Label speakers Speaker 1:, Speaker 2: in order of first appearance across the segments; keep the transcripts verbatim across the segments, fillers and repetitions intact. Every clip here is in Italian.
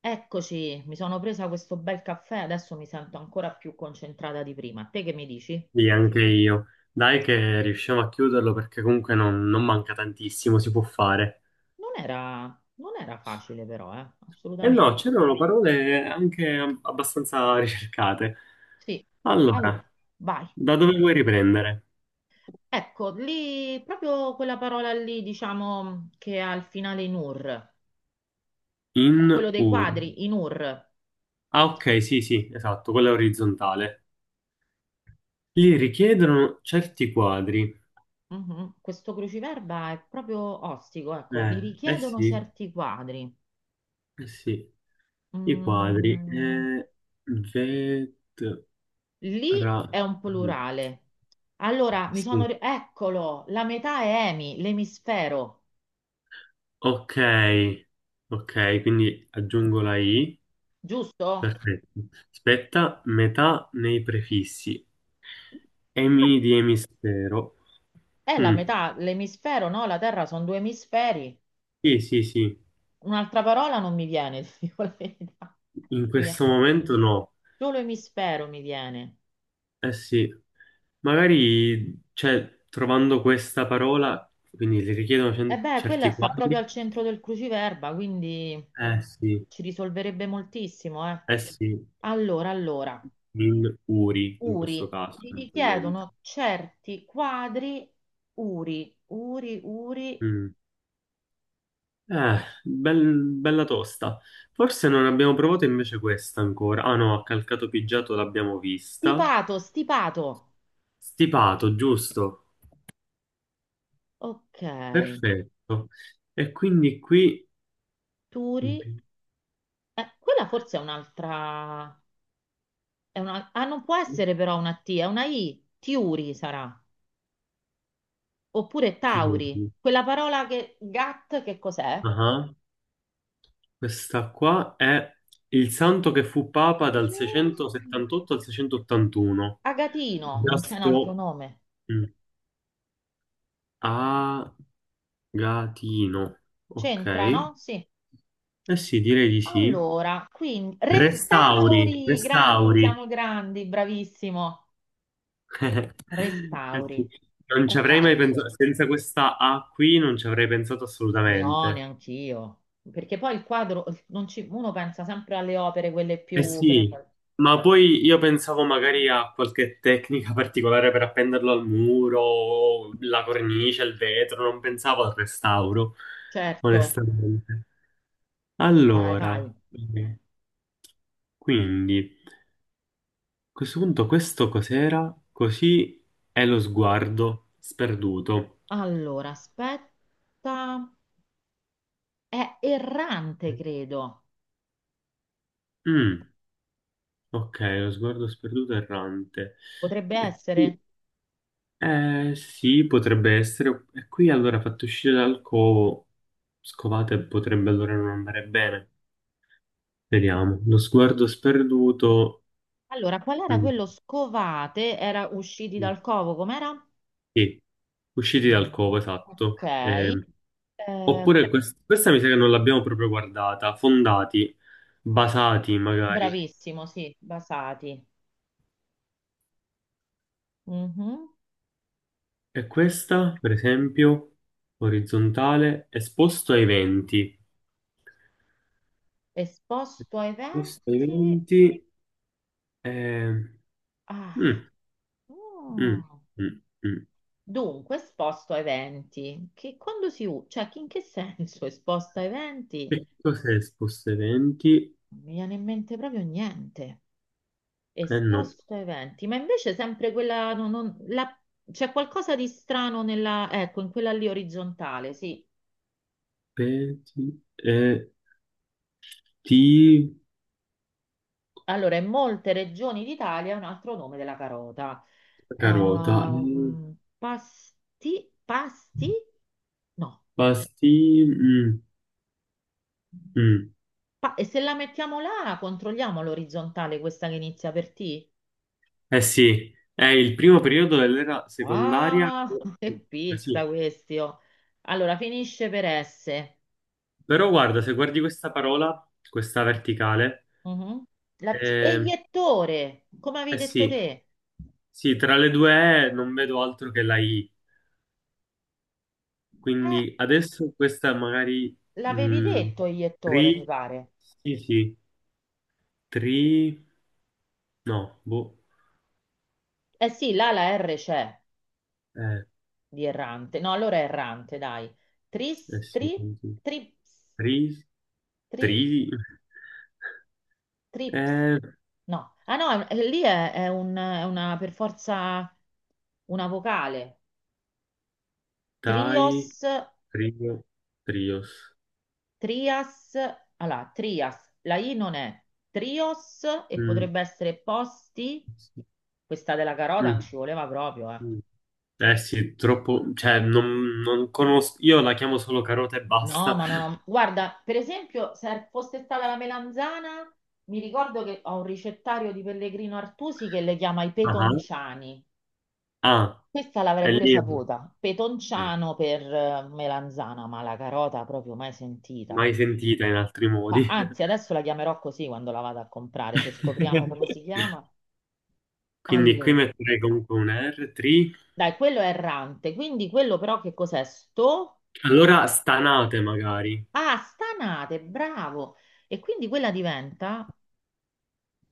Speaker 1: Eccoci, mi sono presa questo bel caffè, adesso mi sento ancora più concentrata di prima. Te che mi dici?
Speaker 2: Sì, anche io. Dai che riusciamo a chiuderlo perché comunque non, non manca tantissimo, si può fare.
Speaker 1: Non era, non era facile però, eh?
Speaker 2: E no,
Speaker 1: Assolutamente.
Speaker 2: c'erano parole anche ab- abbastanza ricercate.
Speaker 1: Sì, allora,
Speaker 2: Allora,
Speaker 1: vai.
Speaker 2: da dove vuoi riprendere?
Speaker 1: Ecco, lì, proprio quella parola lì, diciamo, che ha il finale in ur, è
Speaker 2: In
Speaker 1: quello dei
Speaker 2: ur.
Speaker 1: quadri, in ur.
Speaker 2: Ah, ok, sì, sì, esatto, quella orizzontale. Li richiedono certi quadri.
Speaker 1: Mhm. Questo cruciverba è proprio ostico, ecco, li
Speaker 2: Eh, eh
Speaker 1: richiedono
Speaker 2: sì,
Speaker 1: certi quadri.
Speaker 2: eh sì, i quadri.
Speaker 1: Mm.
Speaker 2: Eh, vet-
Speaker 1: Lì è
Speaker 2: ra-
Speaker 1: un plurale. Allora, mi sono...
Speaker 2: Sì.
Speaker 1: ri- Eccolo, la metà è emi, l'emisfero,
Speaker 2: Ok, ok, quindi aggiungo la I,
Speaker 1: giusto?
Speaker 2: perfetto. Aspetta, metà nei prefissi. Emi di emisfero.
Speaker 1: È la
Speaker 2: Mm,
Speaker 1: metà, l'emisfero, no? La Terra sono due emisferi.
Speaker 2: sì, sì, sì,
Speaker 1: Un'altra parola non mi viene, ti dico la verità.
Speaker 2: in
Speaker 1: Mi viene-
Speaker 2: questo momento no.
Speaker 1: Solo emisfero mi viene.
Speaker 2: Eh sì, magari, cioè, trovando questa parola, quindi le richiedono
Speaker 1: E
Speaker 2: cen-
Speaker 1: beh, quella
Speaker 2: certi
Speaker 1: sta proprio
Speaker 2: quadri.
Speaker 1: al centro del cruciverba, quindi
Speaker 2: Eh sì,
Speaker 1: ci risolverebbe moltissimo, eh.
Speaker 2: eh sì,
Speaker 1: Allora, allora,
Speaker 2: in uri in questo
Speaker 1: Uri,
Speaker 2: caso,
Speaker 1: gli
Speaker 2: eventualmente.
Speaker 1: richiedono certi quadri. Uri, Uri, Uri.
Speaker 2: Mm. Eh, bel- bella tosta. Forse non abbiamo provato invece questa ancora. Ah no, a calcato pigiato l'abbiamo vista.
Speaker 1: Stipato, stipato.
Speaker 2: Stipato, giusto?
Speaker 1: Ok.
Speaker 2: Perfetto. E quindi qui...
Speaker 1: Turi. Eh, quella forse è un'altra. è una- Ah, non può essere però una T, è una I. Tiuri sarà. Oppure Tauri. Quella parola che. Gat, che cos'è?
Speaker 2: Ah, questa qua è il santo che fu papa dal
Speaker 1: Mm.
Speaker 2: seicentosettantotto al seicentottantuno.
Speaker 1: Agatino, non c'è un altro
Speaker 2: Gasto...
Speaker 1: nome.
Speaker 2: mm, Agatino. Ok.
Speaker 1: C'entra,
Speaker 2: Eh
Speaker 1: no? Sì.
Speaker 2: sì, direi di sì.
Speaker 1: Allora, quindi
Speaker 2: Restauri,
Speaker 1: restauri, grandi,
Speaker 2: restauri.
Speaker 1: siamo grandi, bravissimo.
Speaker 2: Eh
Speaker 1: Restauri.
Speaker 2: sì, non ci
Speaker 1: Era
Speaker 2: avrei mai pensato,
Speaker 1: facile.
Speaker 2: senza questa A qui non ci avrei pensato
Speaker 1: No,
Speaker 2: assolutamente.
Speaker 1: neanch'io. Perché poi il quadro, non ci- uno pensa sempre alle opere, quelle
Speaker 2: Eh
Speaker 1: più, che ne so.
Speaker 2: sì, ma poi io pensavo magari a qualche tecnica particolare per appenderlo al muro, la cornice, il vetro, non pensavo al restauro,
Speaker 1: Certo,
Speaker 2: onestamente.
Speaker 1: vai,
Speaker 2: Allora,
Speaker 1: vai.
Speaker 2: quindi, a questo punto questo cos'era? Così è lo sguardo sperduto.
Speaker 1: Allora, aspetta. È errante, credo.
Speaker 2: Mm, ok, lo sguardo sperduto e errante.
Speaker 1: Potrebbe
Speaker 2: E qui-
Speaker 1: essere.
Speaker 2: Eh, sì, potrebbe essere. E qui allora fatto uscire dal covo, scovate potrebbe allora non andare bene. Vediamo. Lo sguardo sperduto.
Speaker 1: Allora, qual era
Speaker 2: mm,
Speaker 1: quello scovate? Era usciti
Speaker 2: mm,
Speaker 1: dal covo, com'era?
Speaker 2: sì, usciti dal covo,
Speaker 1: Ok.
Speaker 2: esatto. Eh,
Speaker 1: Eh,
Speaker 2: oppure quest- questa mi sa che non l'abbiamo proprio guardata. Fondati, basati magari.
Speaker 1: bravissimo, sì, basati. Mhm.
Speaker 2: E questa, per esempio, orizzontale, esposto ai venti.
Speaker 1: Esposto a
Speaker 2: Posto ai
Speaker 1: eventi.
Speaker 2: venti. eh,
Speaker 1: Ah.
Speaker 2: mm, mm,
Speaker 1: Mm.
Speaker 2: mm, mm.
Speaker 1: Dunque, esposto a eventi, che quando si usa, cioè che in che senso esposto a eventi?
Speaker 2: Che cos'è esposto ai venti?
Speaker 1: Non mi viene in mente proprio niente.
Speaker 2: Eh no,
Speaker 1: Esposto a eventi, ma invece sempre quella, non- non- la- c'è qualcosa di strano nella, ecco, in quella lì orizzontale, sì.
Speaker 2: peti, eh, ti,
Speaker 1: Allora, in molte regioni d'Italia è un altro nome della carota.
Speaker 2: carota,
Speaker 1: Ah,
Speaker 2: eh,
Speaker 1: mm, pasti, pasti? No.
Speaker 2: pasti, mm, mm.
Speaker 1: Pa- e se la mettiamo là, controlliamo l'orizzontale, questa che inizia per T?
Speaker 2: Eh sì, è il primo periodo dell'era secondaria.
Speaker 1: Ah, che
Speaker 2: Eh
Speaker 1: pizza
Speaker 2: sì.
Speaker 1: questi, oh. Allora, finisce per S.
Speaker 2: Però guarda, se guardi questa parola, questa verticale,
Speaker 1: Mhm. La- e
Speaker 2: eh,
Speaker 1: iettore, come avevi
Speaker 2: eh
Speaker 1: detto
Speaker 2: sì,
Speaker 1: te?
Speaker 2: sì, tra le due E non vedo altro che la I.
Speaker 1: Eh,
Speaker 2: Quindi adesso questa magari
Speaker 1: l'avevi
Speaker 2: mh,
Speaker 1: detto iettore, mi
Speaker 2: tri,
Speaker 1: pare.
Speaker 2: sì, sì, tri, no, boh,
Speaker 1: Eh sì, là la R c'è
Speaker 2: eh,
Speaker 1: di errante. No, allora è errante, dai.
Speaker 2: eh
Speaker 1: Tris,
Speaker 2: sì,
Speaker 1: tri, trips,
Speaker 2: tri, tri,
Speaker 1: tri, trips.
Speaker 2: eh,
Speaker 1: No, ah no, è- lì è, è un- è una per forza una vocale.
Speaker 2: dai,
Speaker 1: Trios.
Speaker 2: trio, trios,
Speaker 1: Trias, allora, Trias, la I non è Trios e
Speaker 2: Mm,
Speaker 1: potrebbe essere Posti,
Speaker 2: sì,
Speaker 1: questa della carota non
Speaker 2: mm,
Speaker 1: ci voleva proprio, eh.
Speaker 2: mm. Eh sì, troppo, cioè non, non conosco, io la chiamo solo carota e
Speaker 1: No,
Speaker 2: basta,
Speaker 1: ma non ho... Guarda, per esempio, se fosse stata la melanzana, mi ricordo che ho un ricettario di Pellegrino Artusi che le chiama i
Speaker 2: ah,
Speaker 1: petonciani.
Speaker 2: ah,
Speaker 1: Questa l'avrei
Speaker 2: è
Speaker 1: pure
Speaker 2: lì, ok.
Speaker 1: saputa, petonciano per eh, melanzana, ma la carota proprio mai sentita.
Speaker 2: Mai sentita in altri modi.
Speaker 1: Ma- Anzi, adesso la chiamerò così quando la vado a comprare, se scopriamo come si chiama.
Speaker 2: Quindi qui
Speaker 1: Allora.
Speaker 2: metterei comunque un R tre.
Speaker 1: Dai, quello è errante, quindi quello però che cos'è? Sto?
Speaker 2: Allora, stanate magari.
Speaker 1: Ah, stanate, bravo! E quindi quella diventa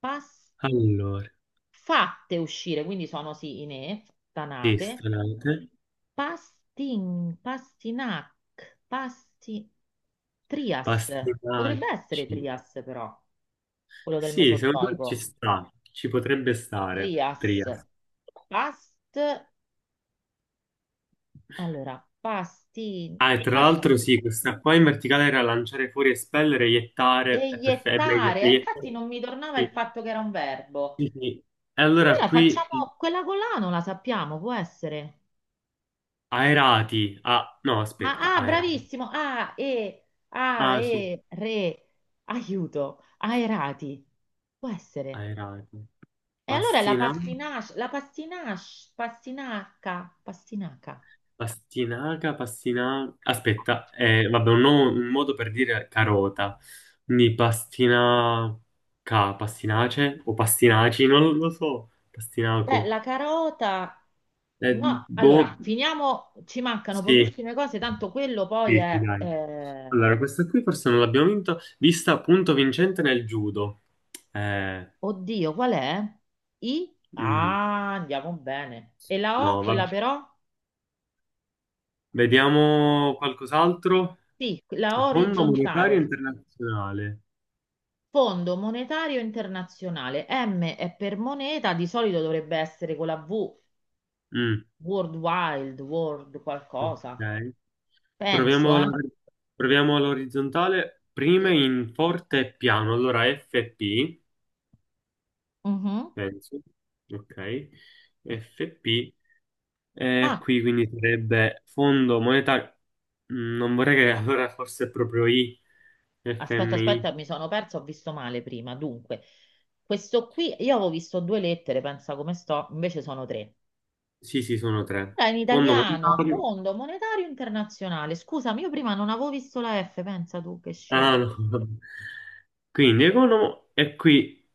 Speaker 1: pas-
Speaker 2: Allora,
Speaker 1: fatte uscire, quindi sono sì, inè,
Speaker 2: sì,
Speaker 1: stanate,
Speaker 2: stanate.
Speaker 1: pastin, pastinac, pasti, trias, potrebbe essere
Speaker 2: Pastinacci.
Speaker 1: trias però, quello del
Speaker 2: Sì, secondo me ci
Speaker 1: Mesozoico,
Speaker 2: sta. Ci potrebbe stare.
Speaker 1: trias,
Speaker 2: Tria.
Speaker 1: past, allora, pasti,
Speaker 2: Ah, e tra l'altro
Speaker 1: pasti-
Speaker 2: sì, questa qua in verticale era lanciare fuori, espellere, iettare. È perfetto, è meglio.
Speaker 1: Eiettare, infatti
Speaker 2: Iettare.
Speaker 1: non mi tornava il
Speaker 2: Sì,
Speaker 1: fatto che era un verbo.
Speaker 2: sì, sì. E allora
Speaker 1: Allora
Speaker 2: qui
Speaker 1: facciamo quella con la, non la sappiamo, può essere.
Speaker 2: aerati. Ah, no, aspetta,
Speaker 1: Ah, ah,
Speaker 2: aerati.
Speaker 1: bravissimo, A, E, A,
Speaker 2: Ah, sì,
Speaker 1: E, re, aiuto, aerati, può essere.
Speaker 2: aerati.
Speaker 1: E allora è la
Speaker 2: Pastinacci.
Speaker 1: pastinace, la pastinace, pastinaca, pastinaca.
Speaker 2: Pastinaca, pastinaca. Aspetta, eh, vabbè, un, no- un modo per dire carota. Quindi pastinaca, pastinace o pastinaci, non lo so.
Speaker 1: Beh, la
Speaker 2: Pastinaco.
Speaker 1: carota,
Speaker 2: Eh,
Speaker 1: no,
Speaker 2: Boh,
Speaker 1: allora, finiamo, ci mancano
Speaker 2: sì,
Speaker 1: pochissime cose, tanto quello poi
Speaker 2: sì, sì,
Speaker 1: è...
Speaker 2: dai.
Speaker 1: eh,
Speaker 2: Allora, questa qui forse non l'abbiamo vinto, vista appunto vincente nel judo. Eh,
Speaker 1: oddio, qual è? I?
Speaker 2: mm,
Speaker 1: Ah, andiamo bene. E la O,
Speaker 2: no,
Speaker 1: quella
Speaker 2: vabbè.
Speaker 1: però?
Speaker 2: Vediamo qualcos'altro.
Speaker 1: Sì, la O
Speaker 2: Fondo monetario
Speaker 1: orizzontale.
Speaker 2: internazionale.
Speaker 1: Fondo monetario internazionale. M è per moneta, di solito dovrebbe essere con la V,
Speaker 2: Mm,
Speaker 1: World Wild, World qualcosa.
Speaker 2: ok.
Speaker 1: Penso,
Speaker 2: Proviamo la-
Speaker 1: eh?
Speaker 2: proviamo l'orizzontale, prime
Speaker 1: Sì.
Speaker 2: in forte e piano. Allora F P,
Speaker 1: Mhm.
Speaker 2: penso. Ok, F P. E
Speaker 1: Ah,
Speaker 2: qui quindi sarebbe fondo monetario. Mm, Non vorrei che allora forse è proprio I,
Speaker 1: aspetta, aspetta,
Speaker 2: F M I.
Speaker 1: mi sono perso, ho visto male prima. Dunque, questo qui, io avevo visto due lettere, pensa come sto, invece sono tre.
Speaker 2: Sì, sì, sono tre.
Speaker 1: Era in
Speaker 2: Fondo
Speaker 1: italiano,
Speaker 2: monetario.
Speaker 1: Fondo Monetario Internazionale. Scusami, io prima non avevo visto la F, pensa tu che
Speaker 2: Ah,
Speaker 1: scemo.
Speaker 2: no. Quindi economo e qui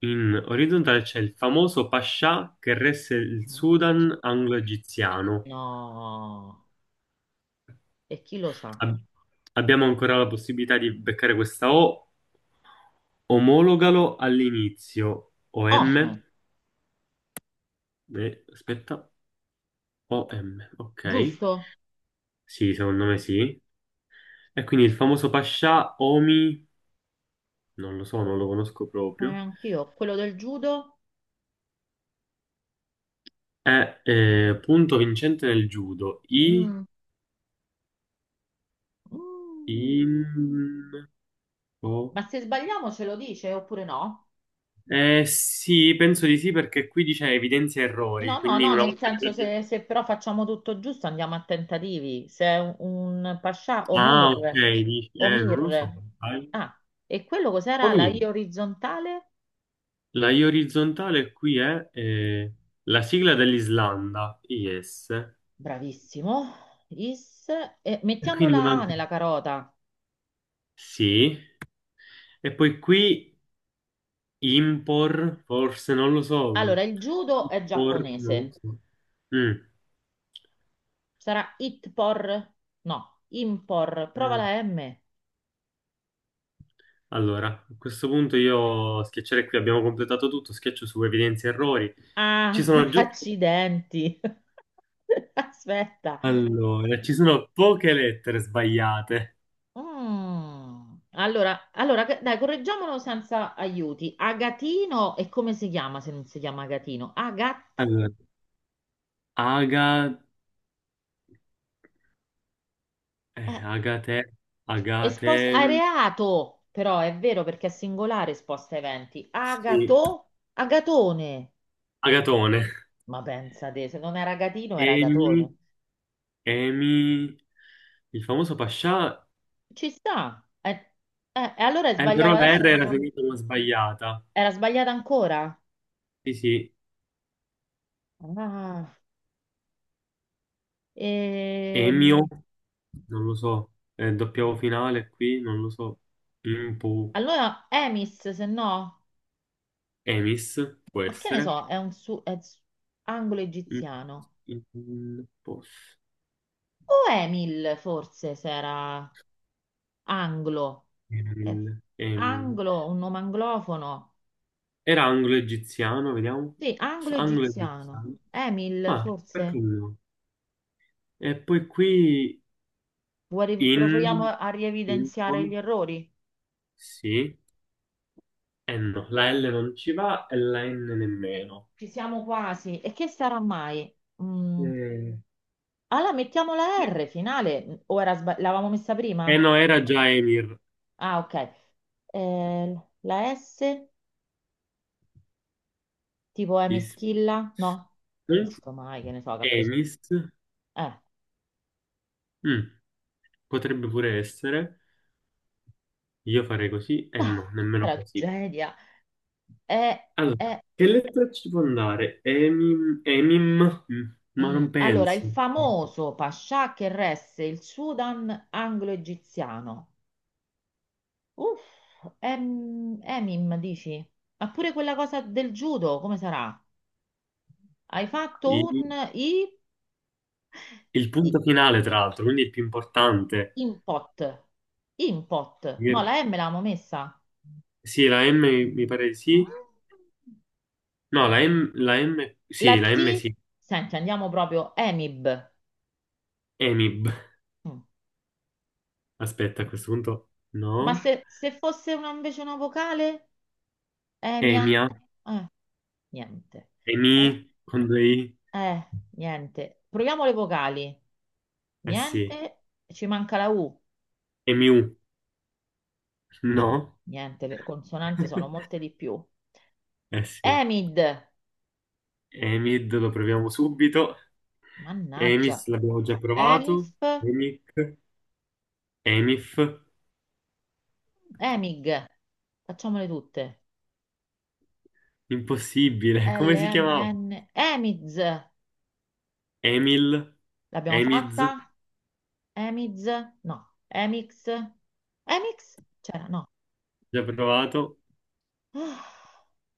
Speaker 2: in orizzontale c'è il famoso Pascià che resse il
Speaker 1: No,
Speaker 2: Sudan anglo-egiziano.
Speaker 1: No. E chi lo sa?
Speaker 2: Ab- Abbiamo ancora la possibilità di beccare questa O. Omologalo all'inizio. O M.
Speaker 1: ONU,
Speaker 2: Eh, aspetta. O M. Ok.
Speaker 1: giusto?
Speaker 2: Sì, secondo me sì. E quindi il famoso Pascià Omi, non lo so, non lo conosco
Speaker 1: Eh,
Speaker 2: proprio,
Speaker 1: anch'io, quello del judo?
Speaker 2: è eh, punto vincente nel judo. I,
Speaker 1: Mm, mm.
Speaker 2: in, o-
Speaker 1: Ma se sbagliamo ce lo dice oppure no?
Speaker 2: Eh sì, penso di sì perché qui dice evidenzia errori,
Speaker 1: No, no,
Speaker 2: quindi
Speaker 1: no,
Speaker 2: una
Speaker 1: nel
Speaker 2: volta
Speaker 1: senso
Speaker 2: che...
Speaker 1: se, se però facciamo tutto giusto andiamo a tentativi. Se è un, un pascià,
Speaker 2: Ah, ok,
Speaker 1: Omir,
Speaker 2: dici- eh, non lo so.
Speaker 1: Omir.
Speaker 2: Sai.
Speaker 1: Ah, e quello cos'era la
Speaker 2: Omi,
Speaker 1: I orizzontale?
Speaker 2: la I orizzontale qui è eh, la sigla dell'Islanda, I S,
Speaker 1: Bravissimo. Is. E
Speaker 2: e
Speaker 1: mettiamo
Speaker 2: quindi
Speaker 1: la A
Speaker 2: manca
Speaker 1: nella carota.
Speaker 2: sì, e poi qui impor, forse non lo so,
Speaker 1: Allora, il judo è
Speaker 2: por, non lo
Speaker 1: giapponese.
Speaker 2: so. Mm,
Speaker 1: Sarà itpor? No, impor. Prova
Speaker 2: mm.
Speaker 1: la M.
Speaker 2: Allora, a questo punto io schiaccerei qui, abbiamo completato tutto, schiaccio su evidenzia errori. Ci
Speaker 1: Ah,
Speaker 2: sono giusto...
Speaker 1: accidenti. Aspetta.
Speaker 2: Allora, ci sono poche lettere sbagliate.
Speaker 1: Mm. Allora, allora, che- dai, correggiamolo senza aiuti. Agatino, e come si chiama se non si chiama Agatino? Agat.
Speaker 2: Allora, aga, eh, agate,
Speaker 1: Esposta
Speaker 2: agate. Mm.
Speaker 1: areato, però è vero perché è singolare esposta a eventi.
Speaker 2: Sì,
Speaker 1: Agato, agatone.
Speaker 2: Agatone,
Speaker 1: Ma pensate, se non era gatino era agatone.
Speaker 2: Emi, Emi, il famoso Pascià,
Speaker 1: Ci sta. Eh, eh, e allora è
Speaker 2: eh, però
Speaker 1: sbagliato
Speaker 2: la
Speaker 1: adesso.
Speaker 2: R
Speaker 1: ti
Speaker 2: era
Speaker 1: con-
Speaker 2: finita una sbagliata.
Speaker 1: Era sbagliata ancora?
Speaker 2: Sì, sì,
Speaker 1: Ah,
Speaker 2: Emio,
Speaker 1: ehm,
Speaker 2: non lo so, eh, doppia finale qui, non lo so, Impu,
Speaker 1: allora, Emis, se no,
Speaker 2: Emis, può
Speaker 1: ma che ne
Speaker 2: essere.
Speaker 1: so, è un su... è su- anglo egiziano.
Speaker 2: Mm, mm, pos-
Speaker 1: O Emil, forse, se era... Anglo. Eh,
Speaker 2: Emil, Emi.
Speaker 1: anglo, un nome anglofono.
Speaker 2: Era anglo-egiziano, vediamo.
Speaker 1: Sì, anglo-egiziano.
Speaker 2: Anglo-egiziano.
Speaker 1: Emil,
Speaker 2: Ah, perché
Speaker 1: forse?
Speaker 2: no? E poi qui
Speaker 1: Vuoi, ri- proviamo
Speaker 2: in...
Speaker 1: a
Speaker 2: in
Speaker 1: rievidenziare gli errori?
Speaker 2: Sì e no. La L non ci va e la N nemmeno.
Speaker 1: Ci siamo quasi. E che sarà mai? Mm,
Speaker 2: Mm.
Speaker 1: allora, mettiamo la R finale. O era sba- l'avevamo messa
Speaker 2: E
Speaker 1: prima?
Speaker 2: no, era già Emir.
Speaker 1: Ah, ok. Eh, la S, tipo è
Speaker 2: Is-
Speaker 1: meschilla? No?
Speaker 2: Mm?
Speaker 1: Visto mai, che ne so, che ha preso...
Speaker 2: Emis.
Speaker 1: Eh,
Speaker 2: Mm, Potrebbe pure essere. Io farei così e
Speaker 1: ah,
Speaker 2: no, nemmeno così.
Speaker 1: tragedia. Eh,
Speaker 2: Allora,
Speaker 1: eh,
Speaker 2: che lettera ci può andare? Emim, emim? Mm, ma
Speaker 1: Mm,
Speaker 2: non
Speaker 1: allora, il
Speaker 2: penso.
Speaker 1: famoso pascià che resse il Sudan anglo-egiziano. Uff, em, Emim, dici? Ma pure quella cosa del judo, come sarà? Hai fatto
Speaker 2: I-
Speaker 1: un i,
Speaker 2: Il,
Speaker 1: i-
Speaker 2: punto finale, tra l'altro, quindi il più importante.
Speaker 1: impot. Impot. No,
Speaker 2: Mi-
Speaker 1: la M l'avevamo messa.
Speaker 2: Sì, la M mi mi pare di sì.
Speaker 1: Ah.
Speaker 2: No, la M, la M,
Speaker 1: La
Speaker 2: sì, la M
Speaker 1: T,
Speaker 2: sì,
Speaker 1: senti, andiamo proprio Emib.
Speaker 2: E M I B.
Speaker 1: Mm.
Speaker 2: Aspetta, a questo punto,
Speaker 1: Ma
Speaker 2: no.
Speaker 1: se, se fosse una- invece una vocale? Emia?
Speaker 2: E M I A,
Speaker 1: Eh, niente. Eh,
Speaker 2: E M I, con due I,
Speaker 1: Eh, niente. Proviamo le vocali.
Speaker 2: eh sì.
Speaker 1: Niente, ci manca la U.
Speaker 2: EMIU, no.
Speaker 1: Niente, le consonanti sono molte di più.
Speaker 2: Eh sì.
Speaker 1: Emid.
Speaker 2: E M I D lo proviamo subito.
Speaker 1: Mannaggia.
Speaker 2: E M I S l'abbiamo già provato.
Speaker 1: Emif.
Speaker 2: E M I C, E M I F,
Speaker 1: Emig. Facciamole tutte.
Speaker 2: impossibile. Come si chiamava?
Speaker 1: L M N. Emiz.
Speaker 2: E M I L,
Speaker 1: L'abbiamo
Speaker 2: E M I Z,
Speaker 1: fatta? Emiz? No. Emix? Emix? C'era, no.
Speaker 2: già provato.
Speaker 1: Ah,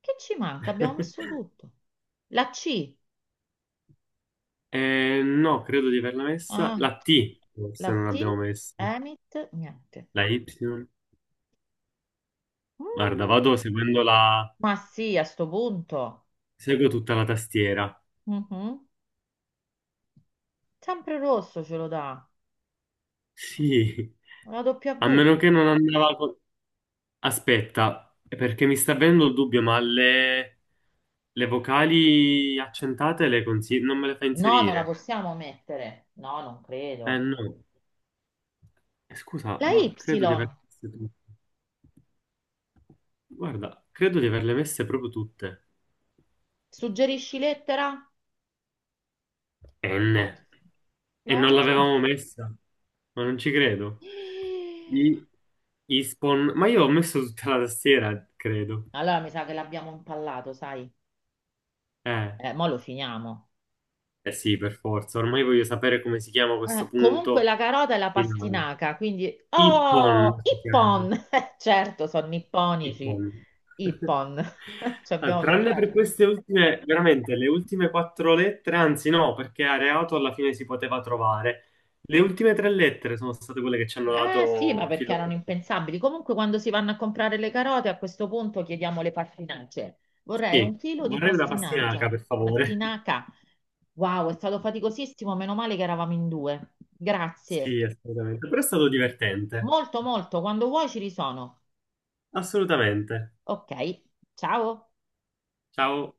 Speaker 1: che ci manca? Abbiamo messo tutto. La C.
Speaker 2: Eh, no, credo di averla messa.
Speaker 1: Ah,
Speaker 2: La T,
Speaker 1: la
Speaker 2: forse non
Speaker 1: T.
Speaker 2: l'abbiamo messa.
Speaker 1: Emit. Niente.
Speaker 2: La Y. Guarda,
Speaker 1: Mm,
Speaker 2: vado seguendo la...
Speaker 1: ma sì, a sto punto.
Speaker 2: seguo tutta la tastiera.
Speaker 1: Mhm. Sempre rosso ce lo dà.
Speaker 2: Sì,
Speaker 1: La
Speaker 2: a
Speaker 1: W.
Speaker 2: meno che non andava... co- Aspetta, perché mi sta venendo il dubbio, ma le, le vocali accentate le consi- non me le fa
Speaker 1: No, non la
Speaker 2: inserire?
Speaker 1: possiamo mettere. No, non
Speaker 2: Eh
Speaker 1: credo.
Speaker 2: no, Eh, scusa,
Speaker 1: La
Speaker 2: ma
Speaker 1: Y.
Speaker 2: credo di averle messe tutte. Guarda, credo di averle messe proprio tutte.
Speaker 1: Suggerisci lettera? No,
Speaker 2: N. E non
Speaker 1: l'avevamo
Speaker 2: l'avevamo
Speaker 1: messa.
Speaker 2: messa, ma non ci credo.
Speaker 1: Eh,
Speaker 2: I... Ispon... Ma io ho messo tutta la tastiera, credo.
Speaker 1: Allora mi sa che l'abbiamo impallato, sai?
Speaker 2: Eh,
Speaker 1: Eh, mo lo finiamo.
Speaker 2: eh sì, per forza. Ormai voglio sapere come si chiama questo
Speaker 1: Eh, comunque
Speaker 2: punto
Speaker 1: la carota è la
Speaker 2: finale.
Speaker 1: pastinaca, quindi...
Speaker 2: Ippon
Speaker 1: Oh,
Speaker 2: si chiama.
Speaker 1: Ippon! Certo, sono nipponici.
Speaker 2: Ippon.
Speaker 1: Ippon. Ci
Speaker 2: Ah,
Speaker 1: abbiamo
Speaker 2: tranne per
Speaker 1: pensato.
Speaker 2: queste ultime, veramente le ultime quattro lettere, anzi no, perché areato alla fine si poteva trovare. Le ultime tre lettere sono state quelle che ci hanno
Speaker 1: Eh sì, ma
Speaker 2: dato il
Speaker 1: perché
Speaker 2: filo.
Speaker 1: erano impensabili. Comunque, quando si vanno a comprare le carote, a questo punto chiediamo le pastinacce. Vorrei un
Speaker 2: Sì,
Speaker 1: chilo di
Speaker 2: vorrei una
Speaker 1: pastinacia.
Speaker 2: pastinaca, per favore.
Speaker 1: Pastinaca. Wow, è stato faticosissimo. Meno male che eravamo in due. Grazie.
Speaker 2: Sì, assolutamente. Però è stato divertente.
Speaker 1: Molto, molto. Quando vuoi ci risono.
Speaker 2: Assolutamente.
Speaker 1: Ok, ciao.
Speaker 2: Ciao.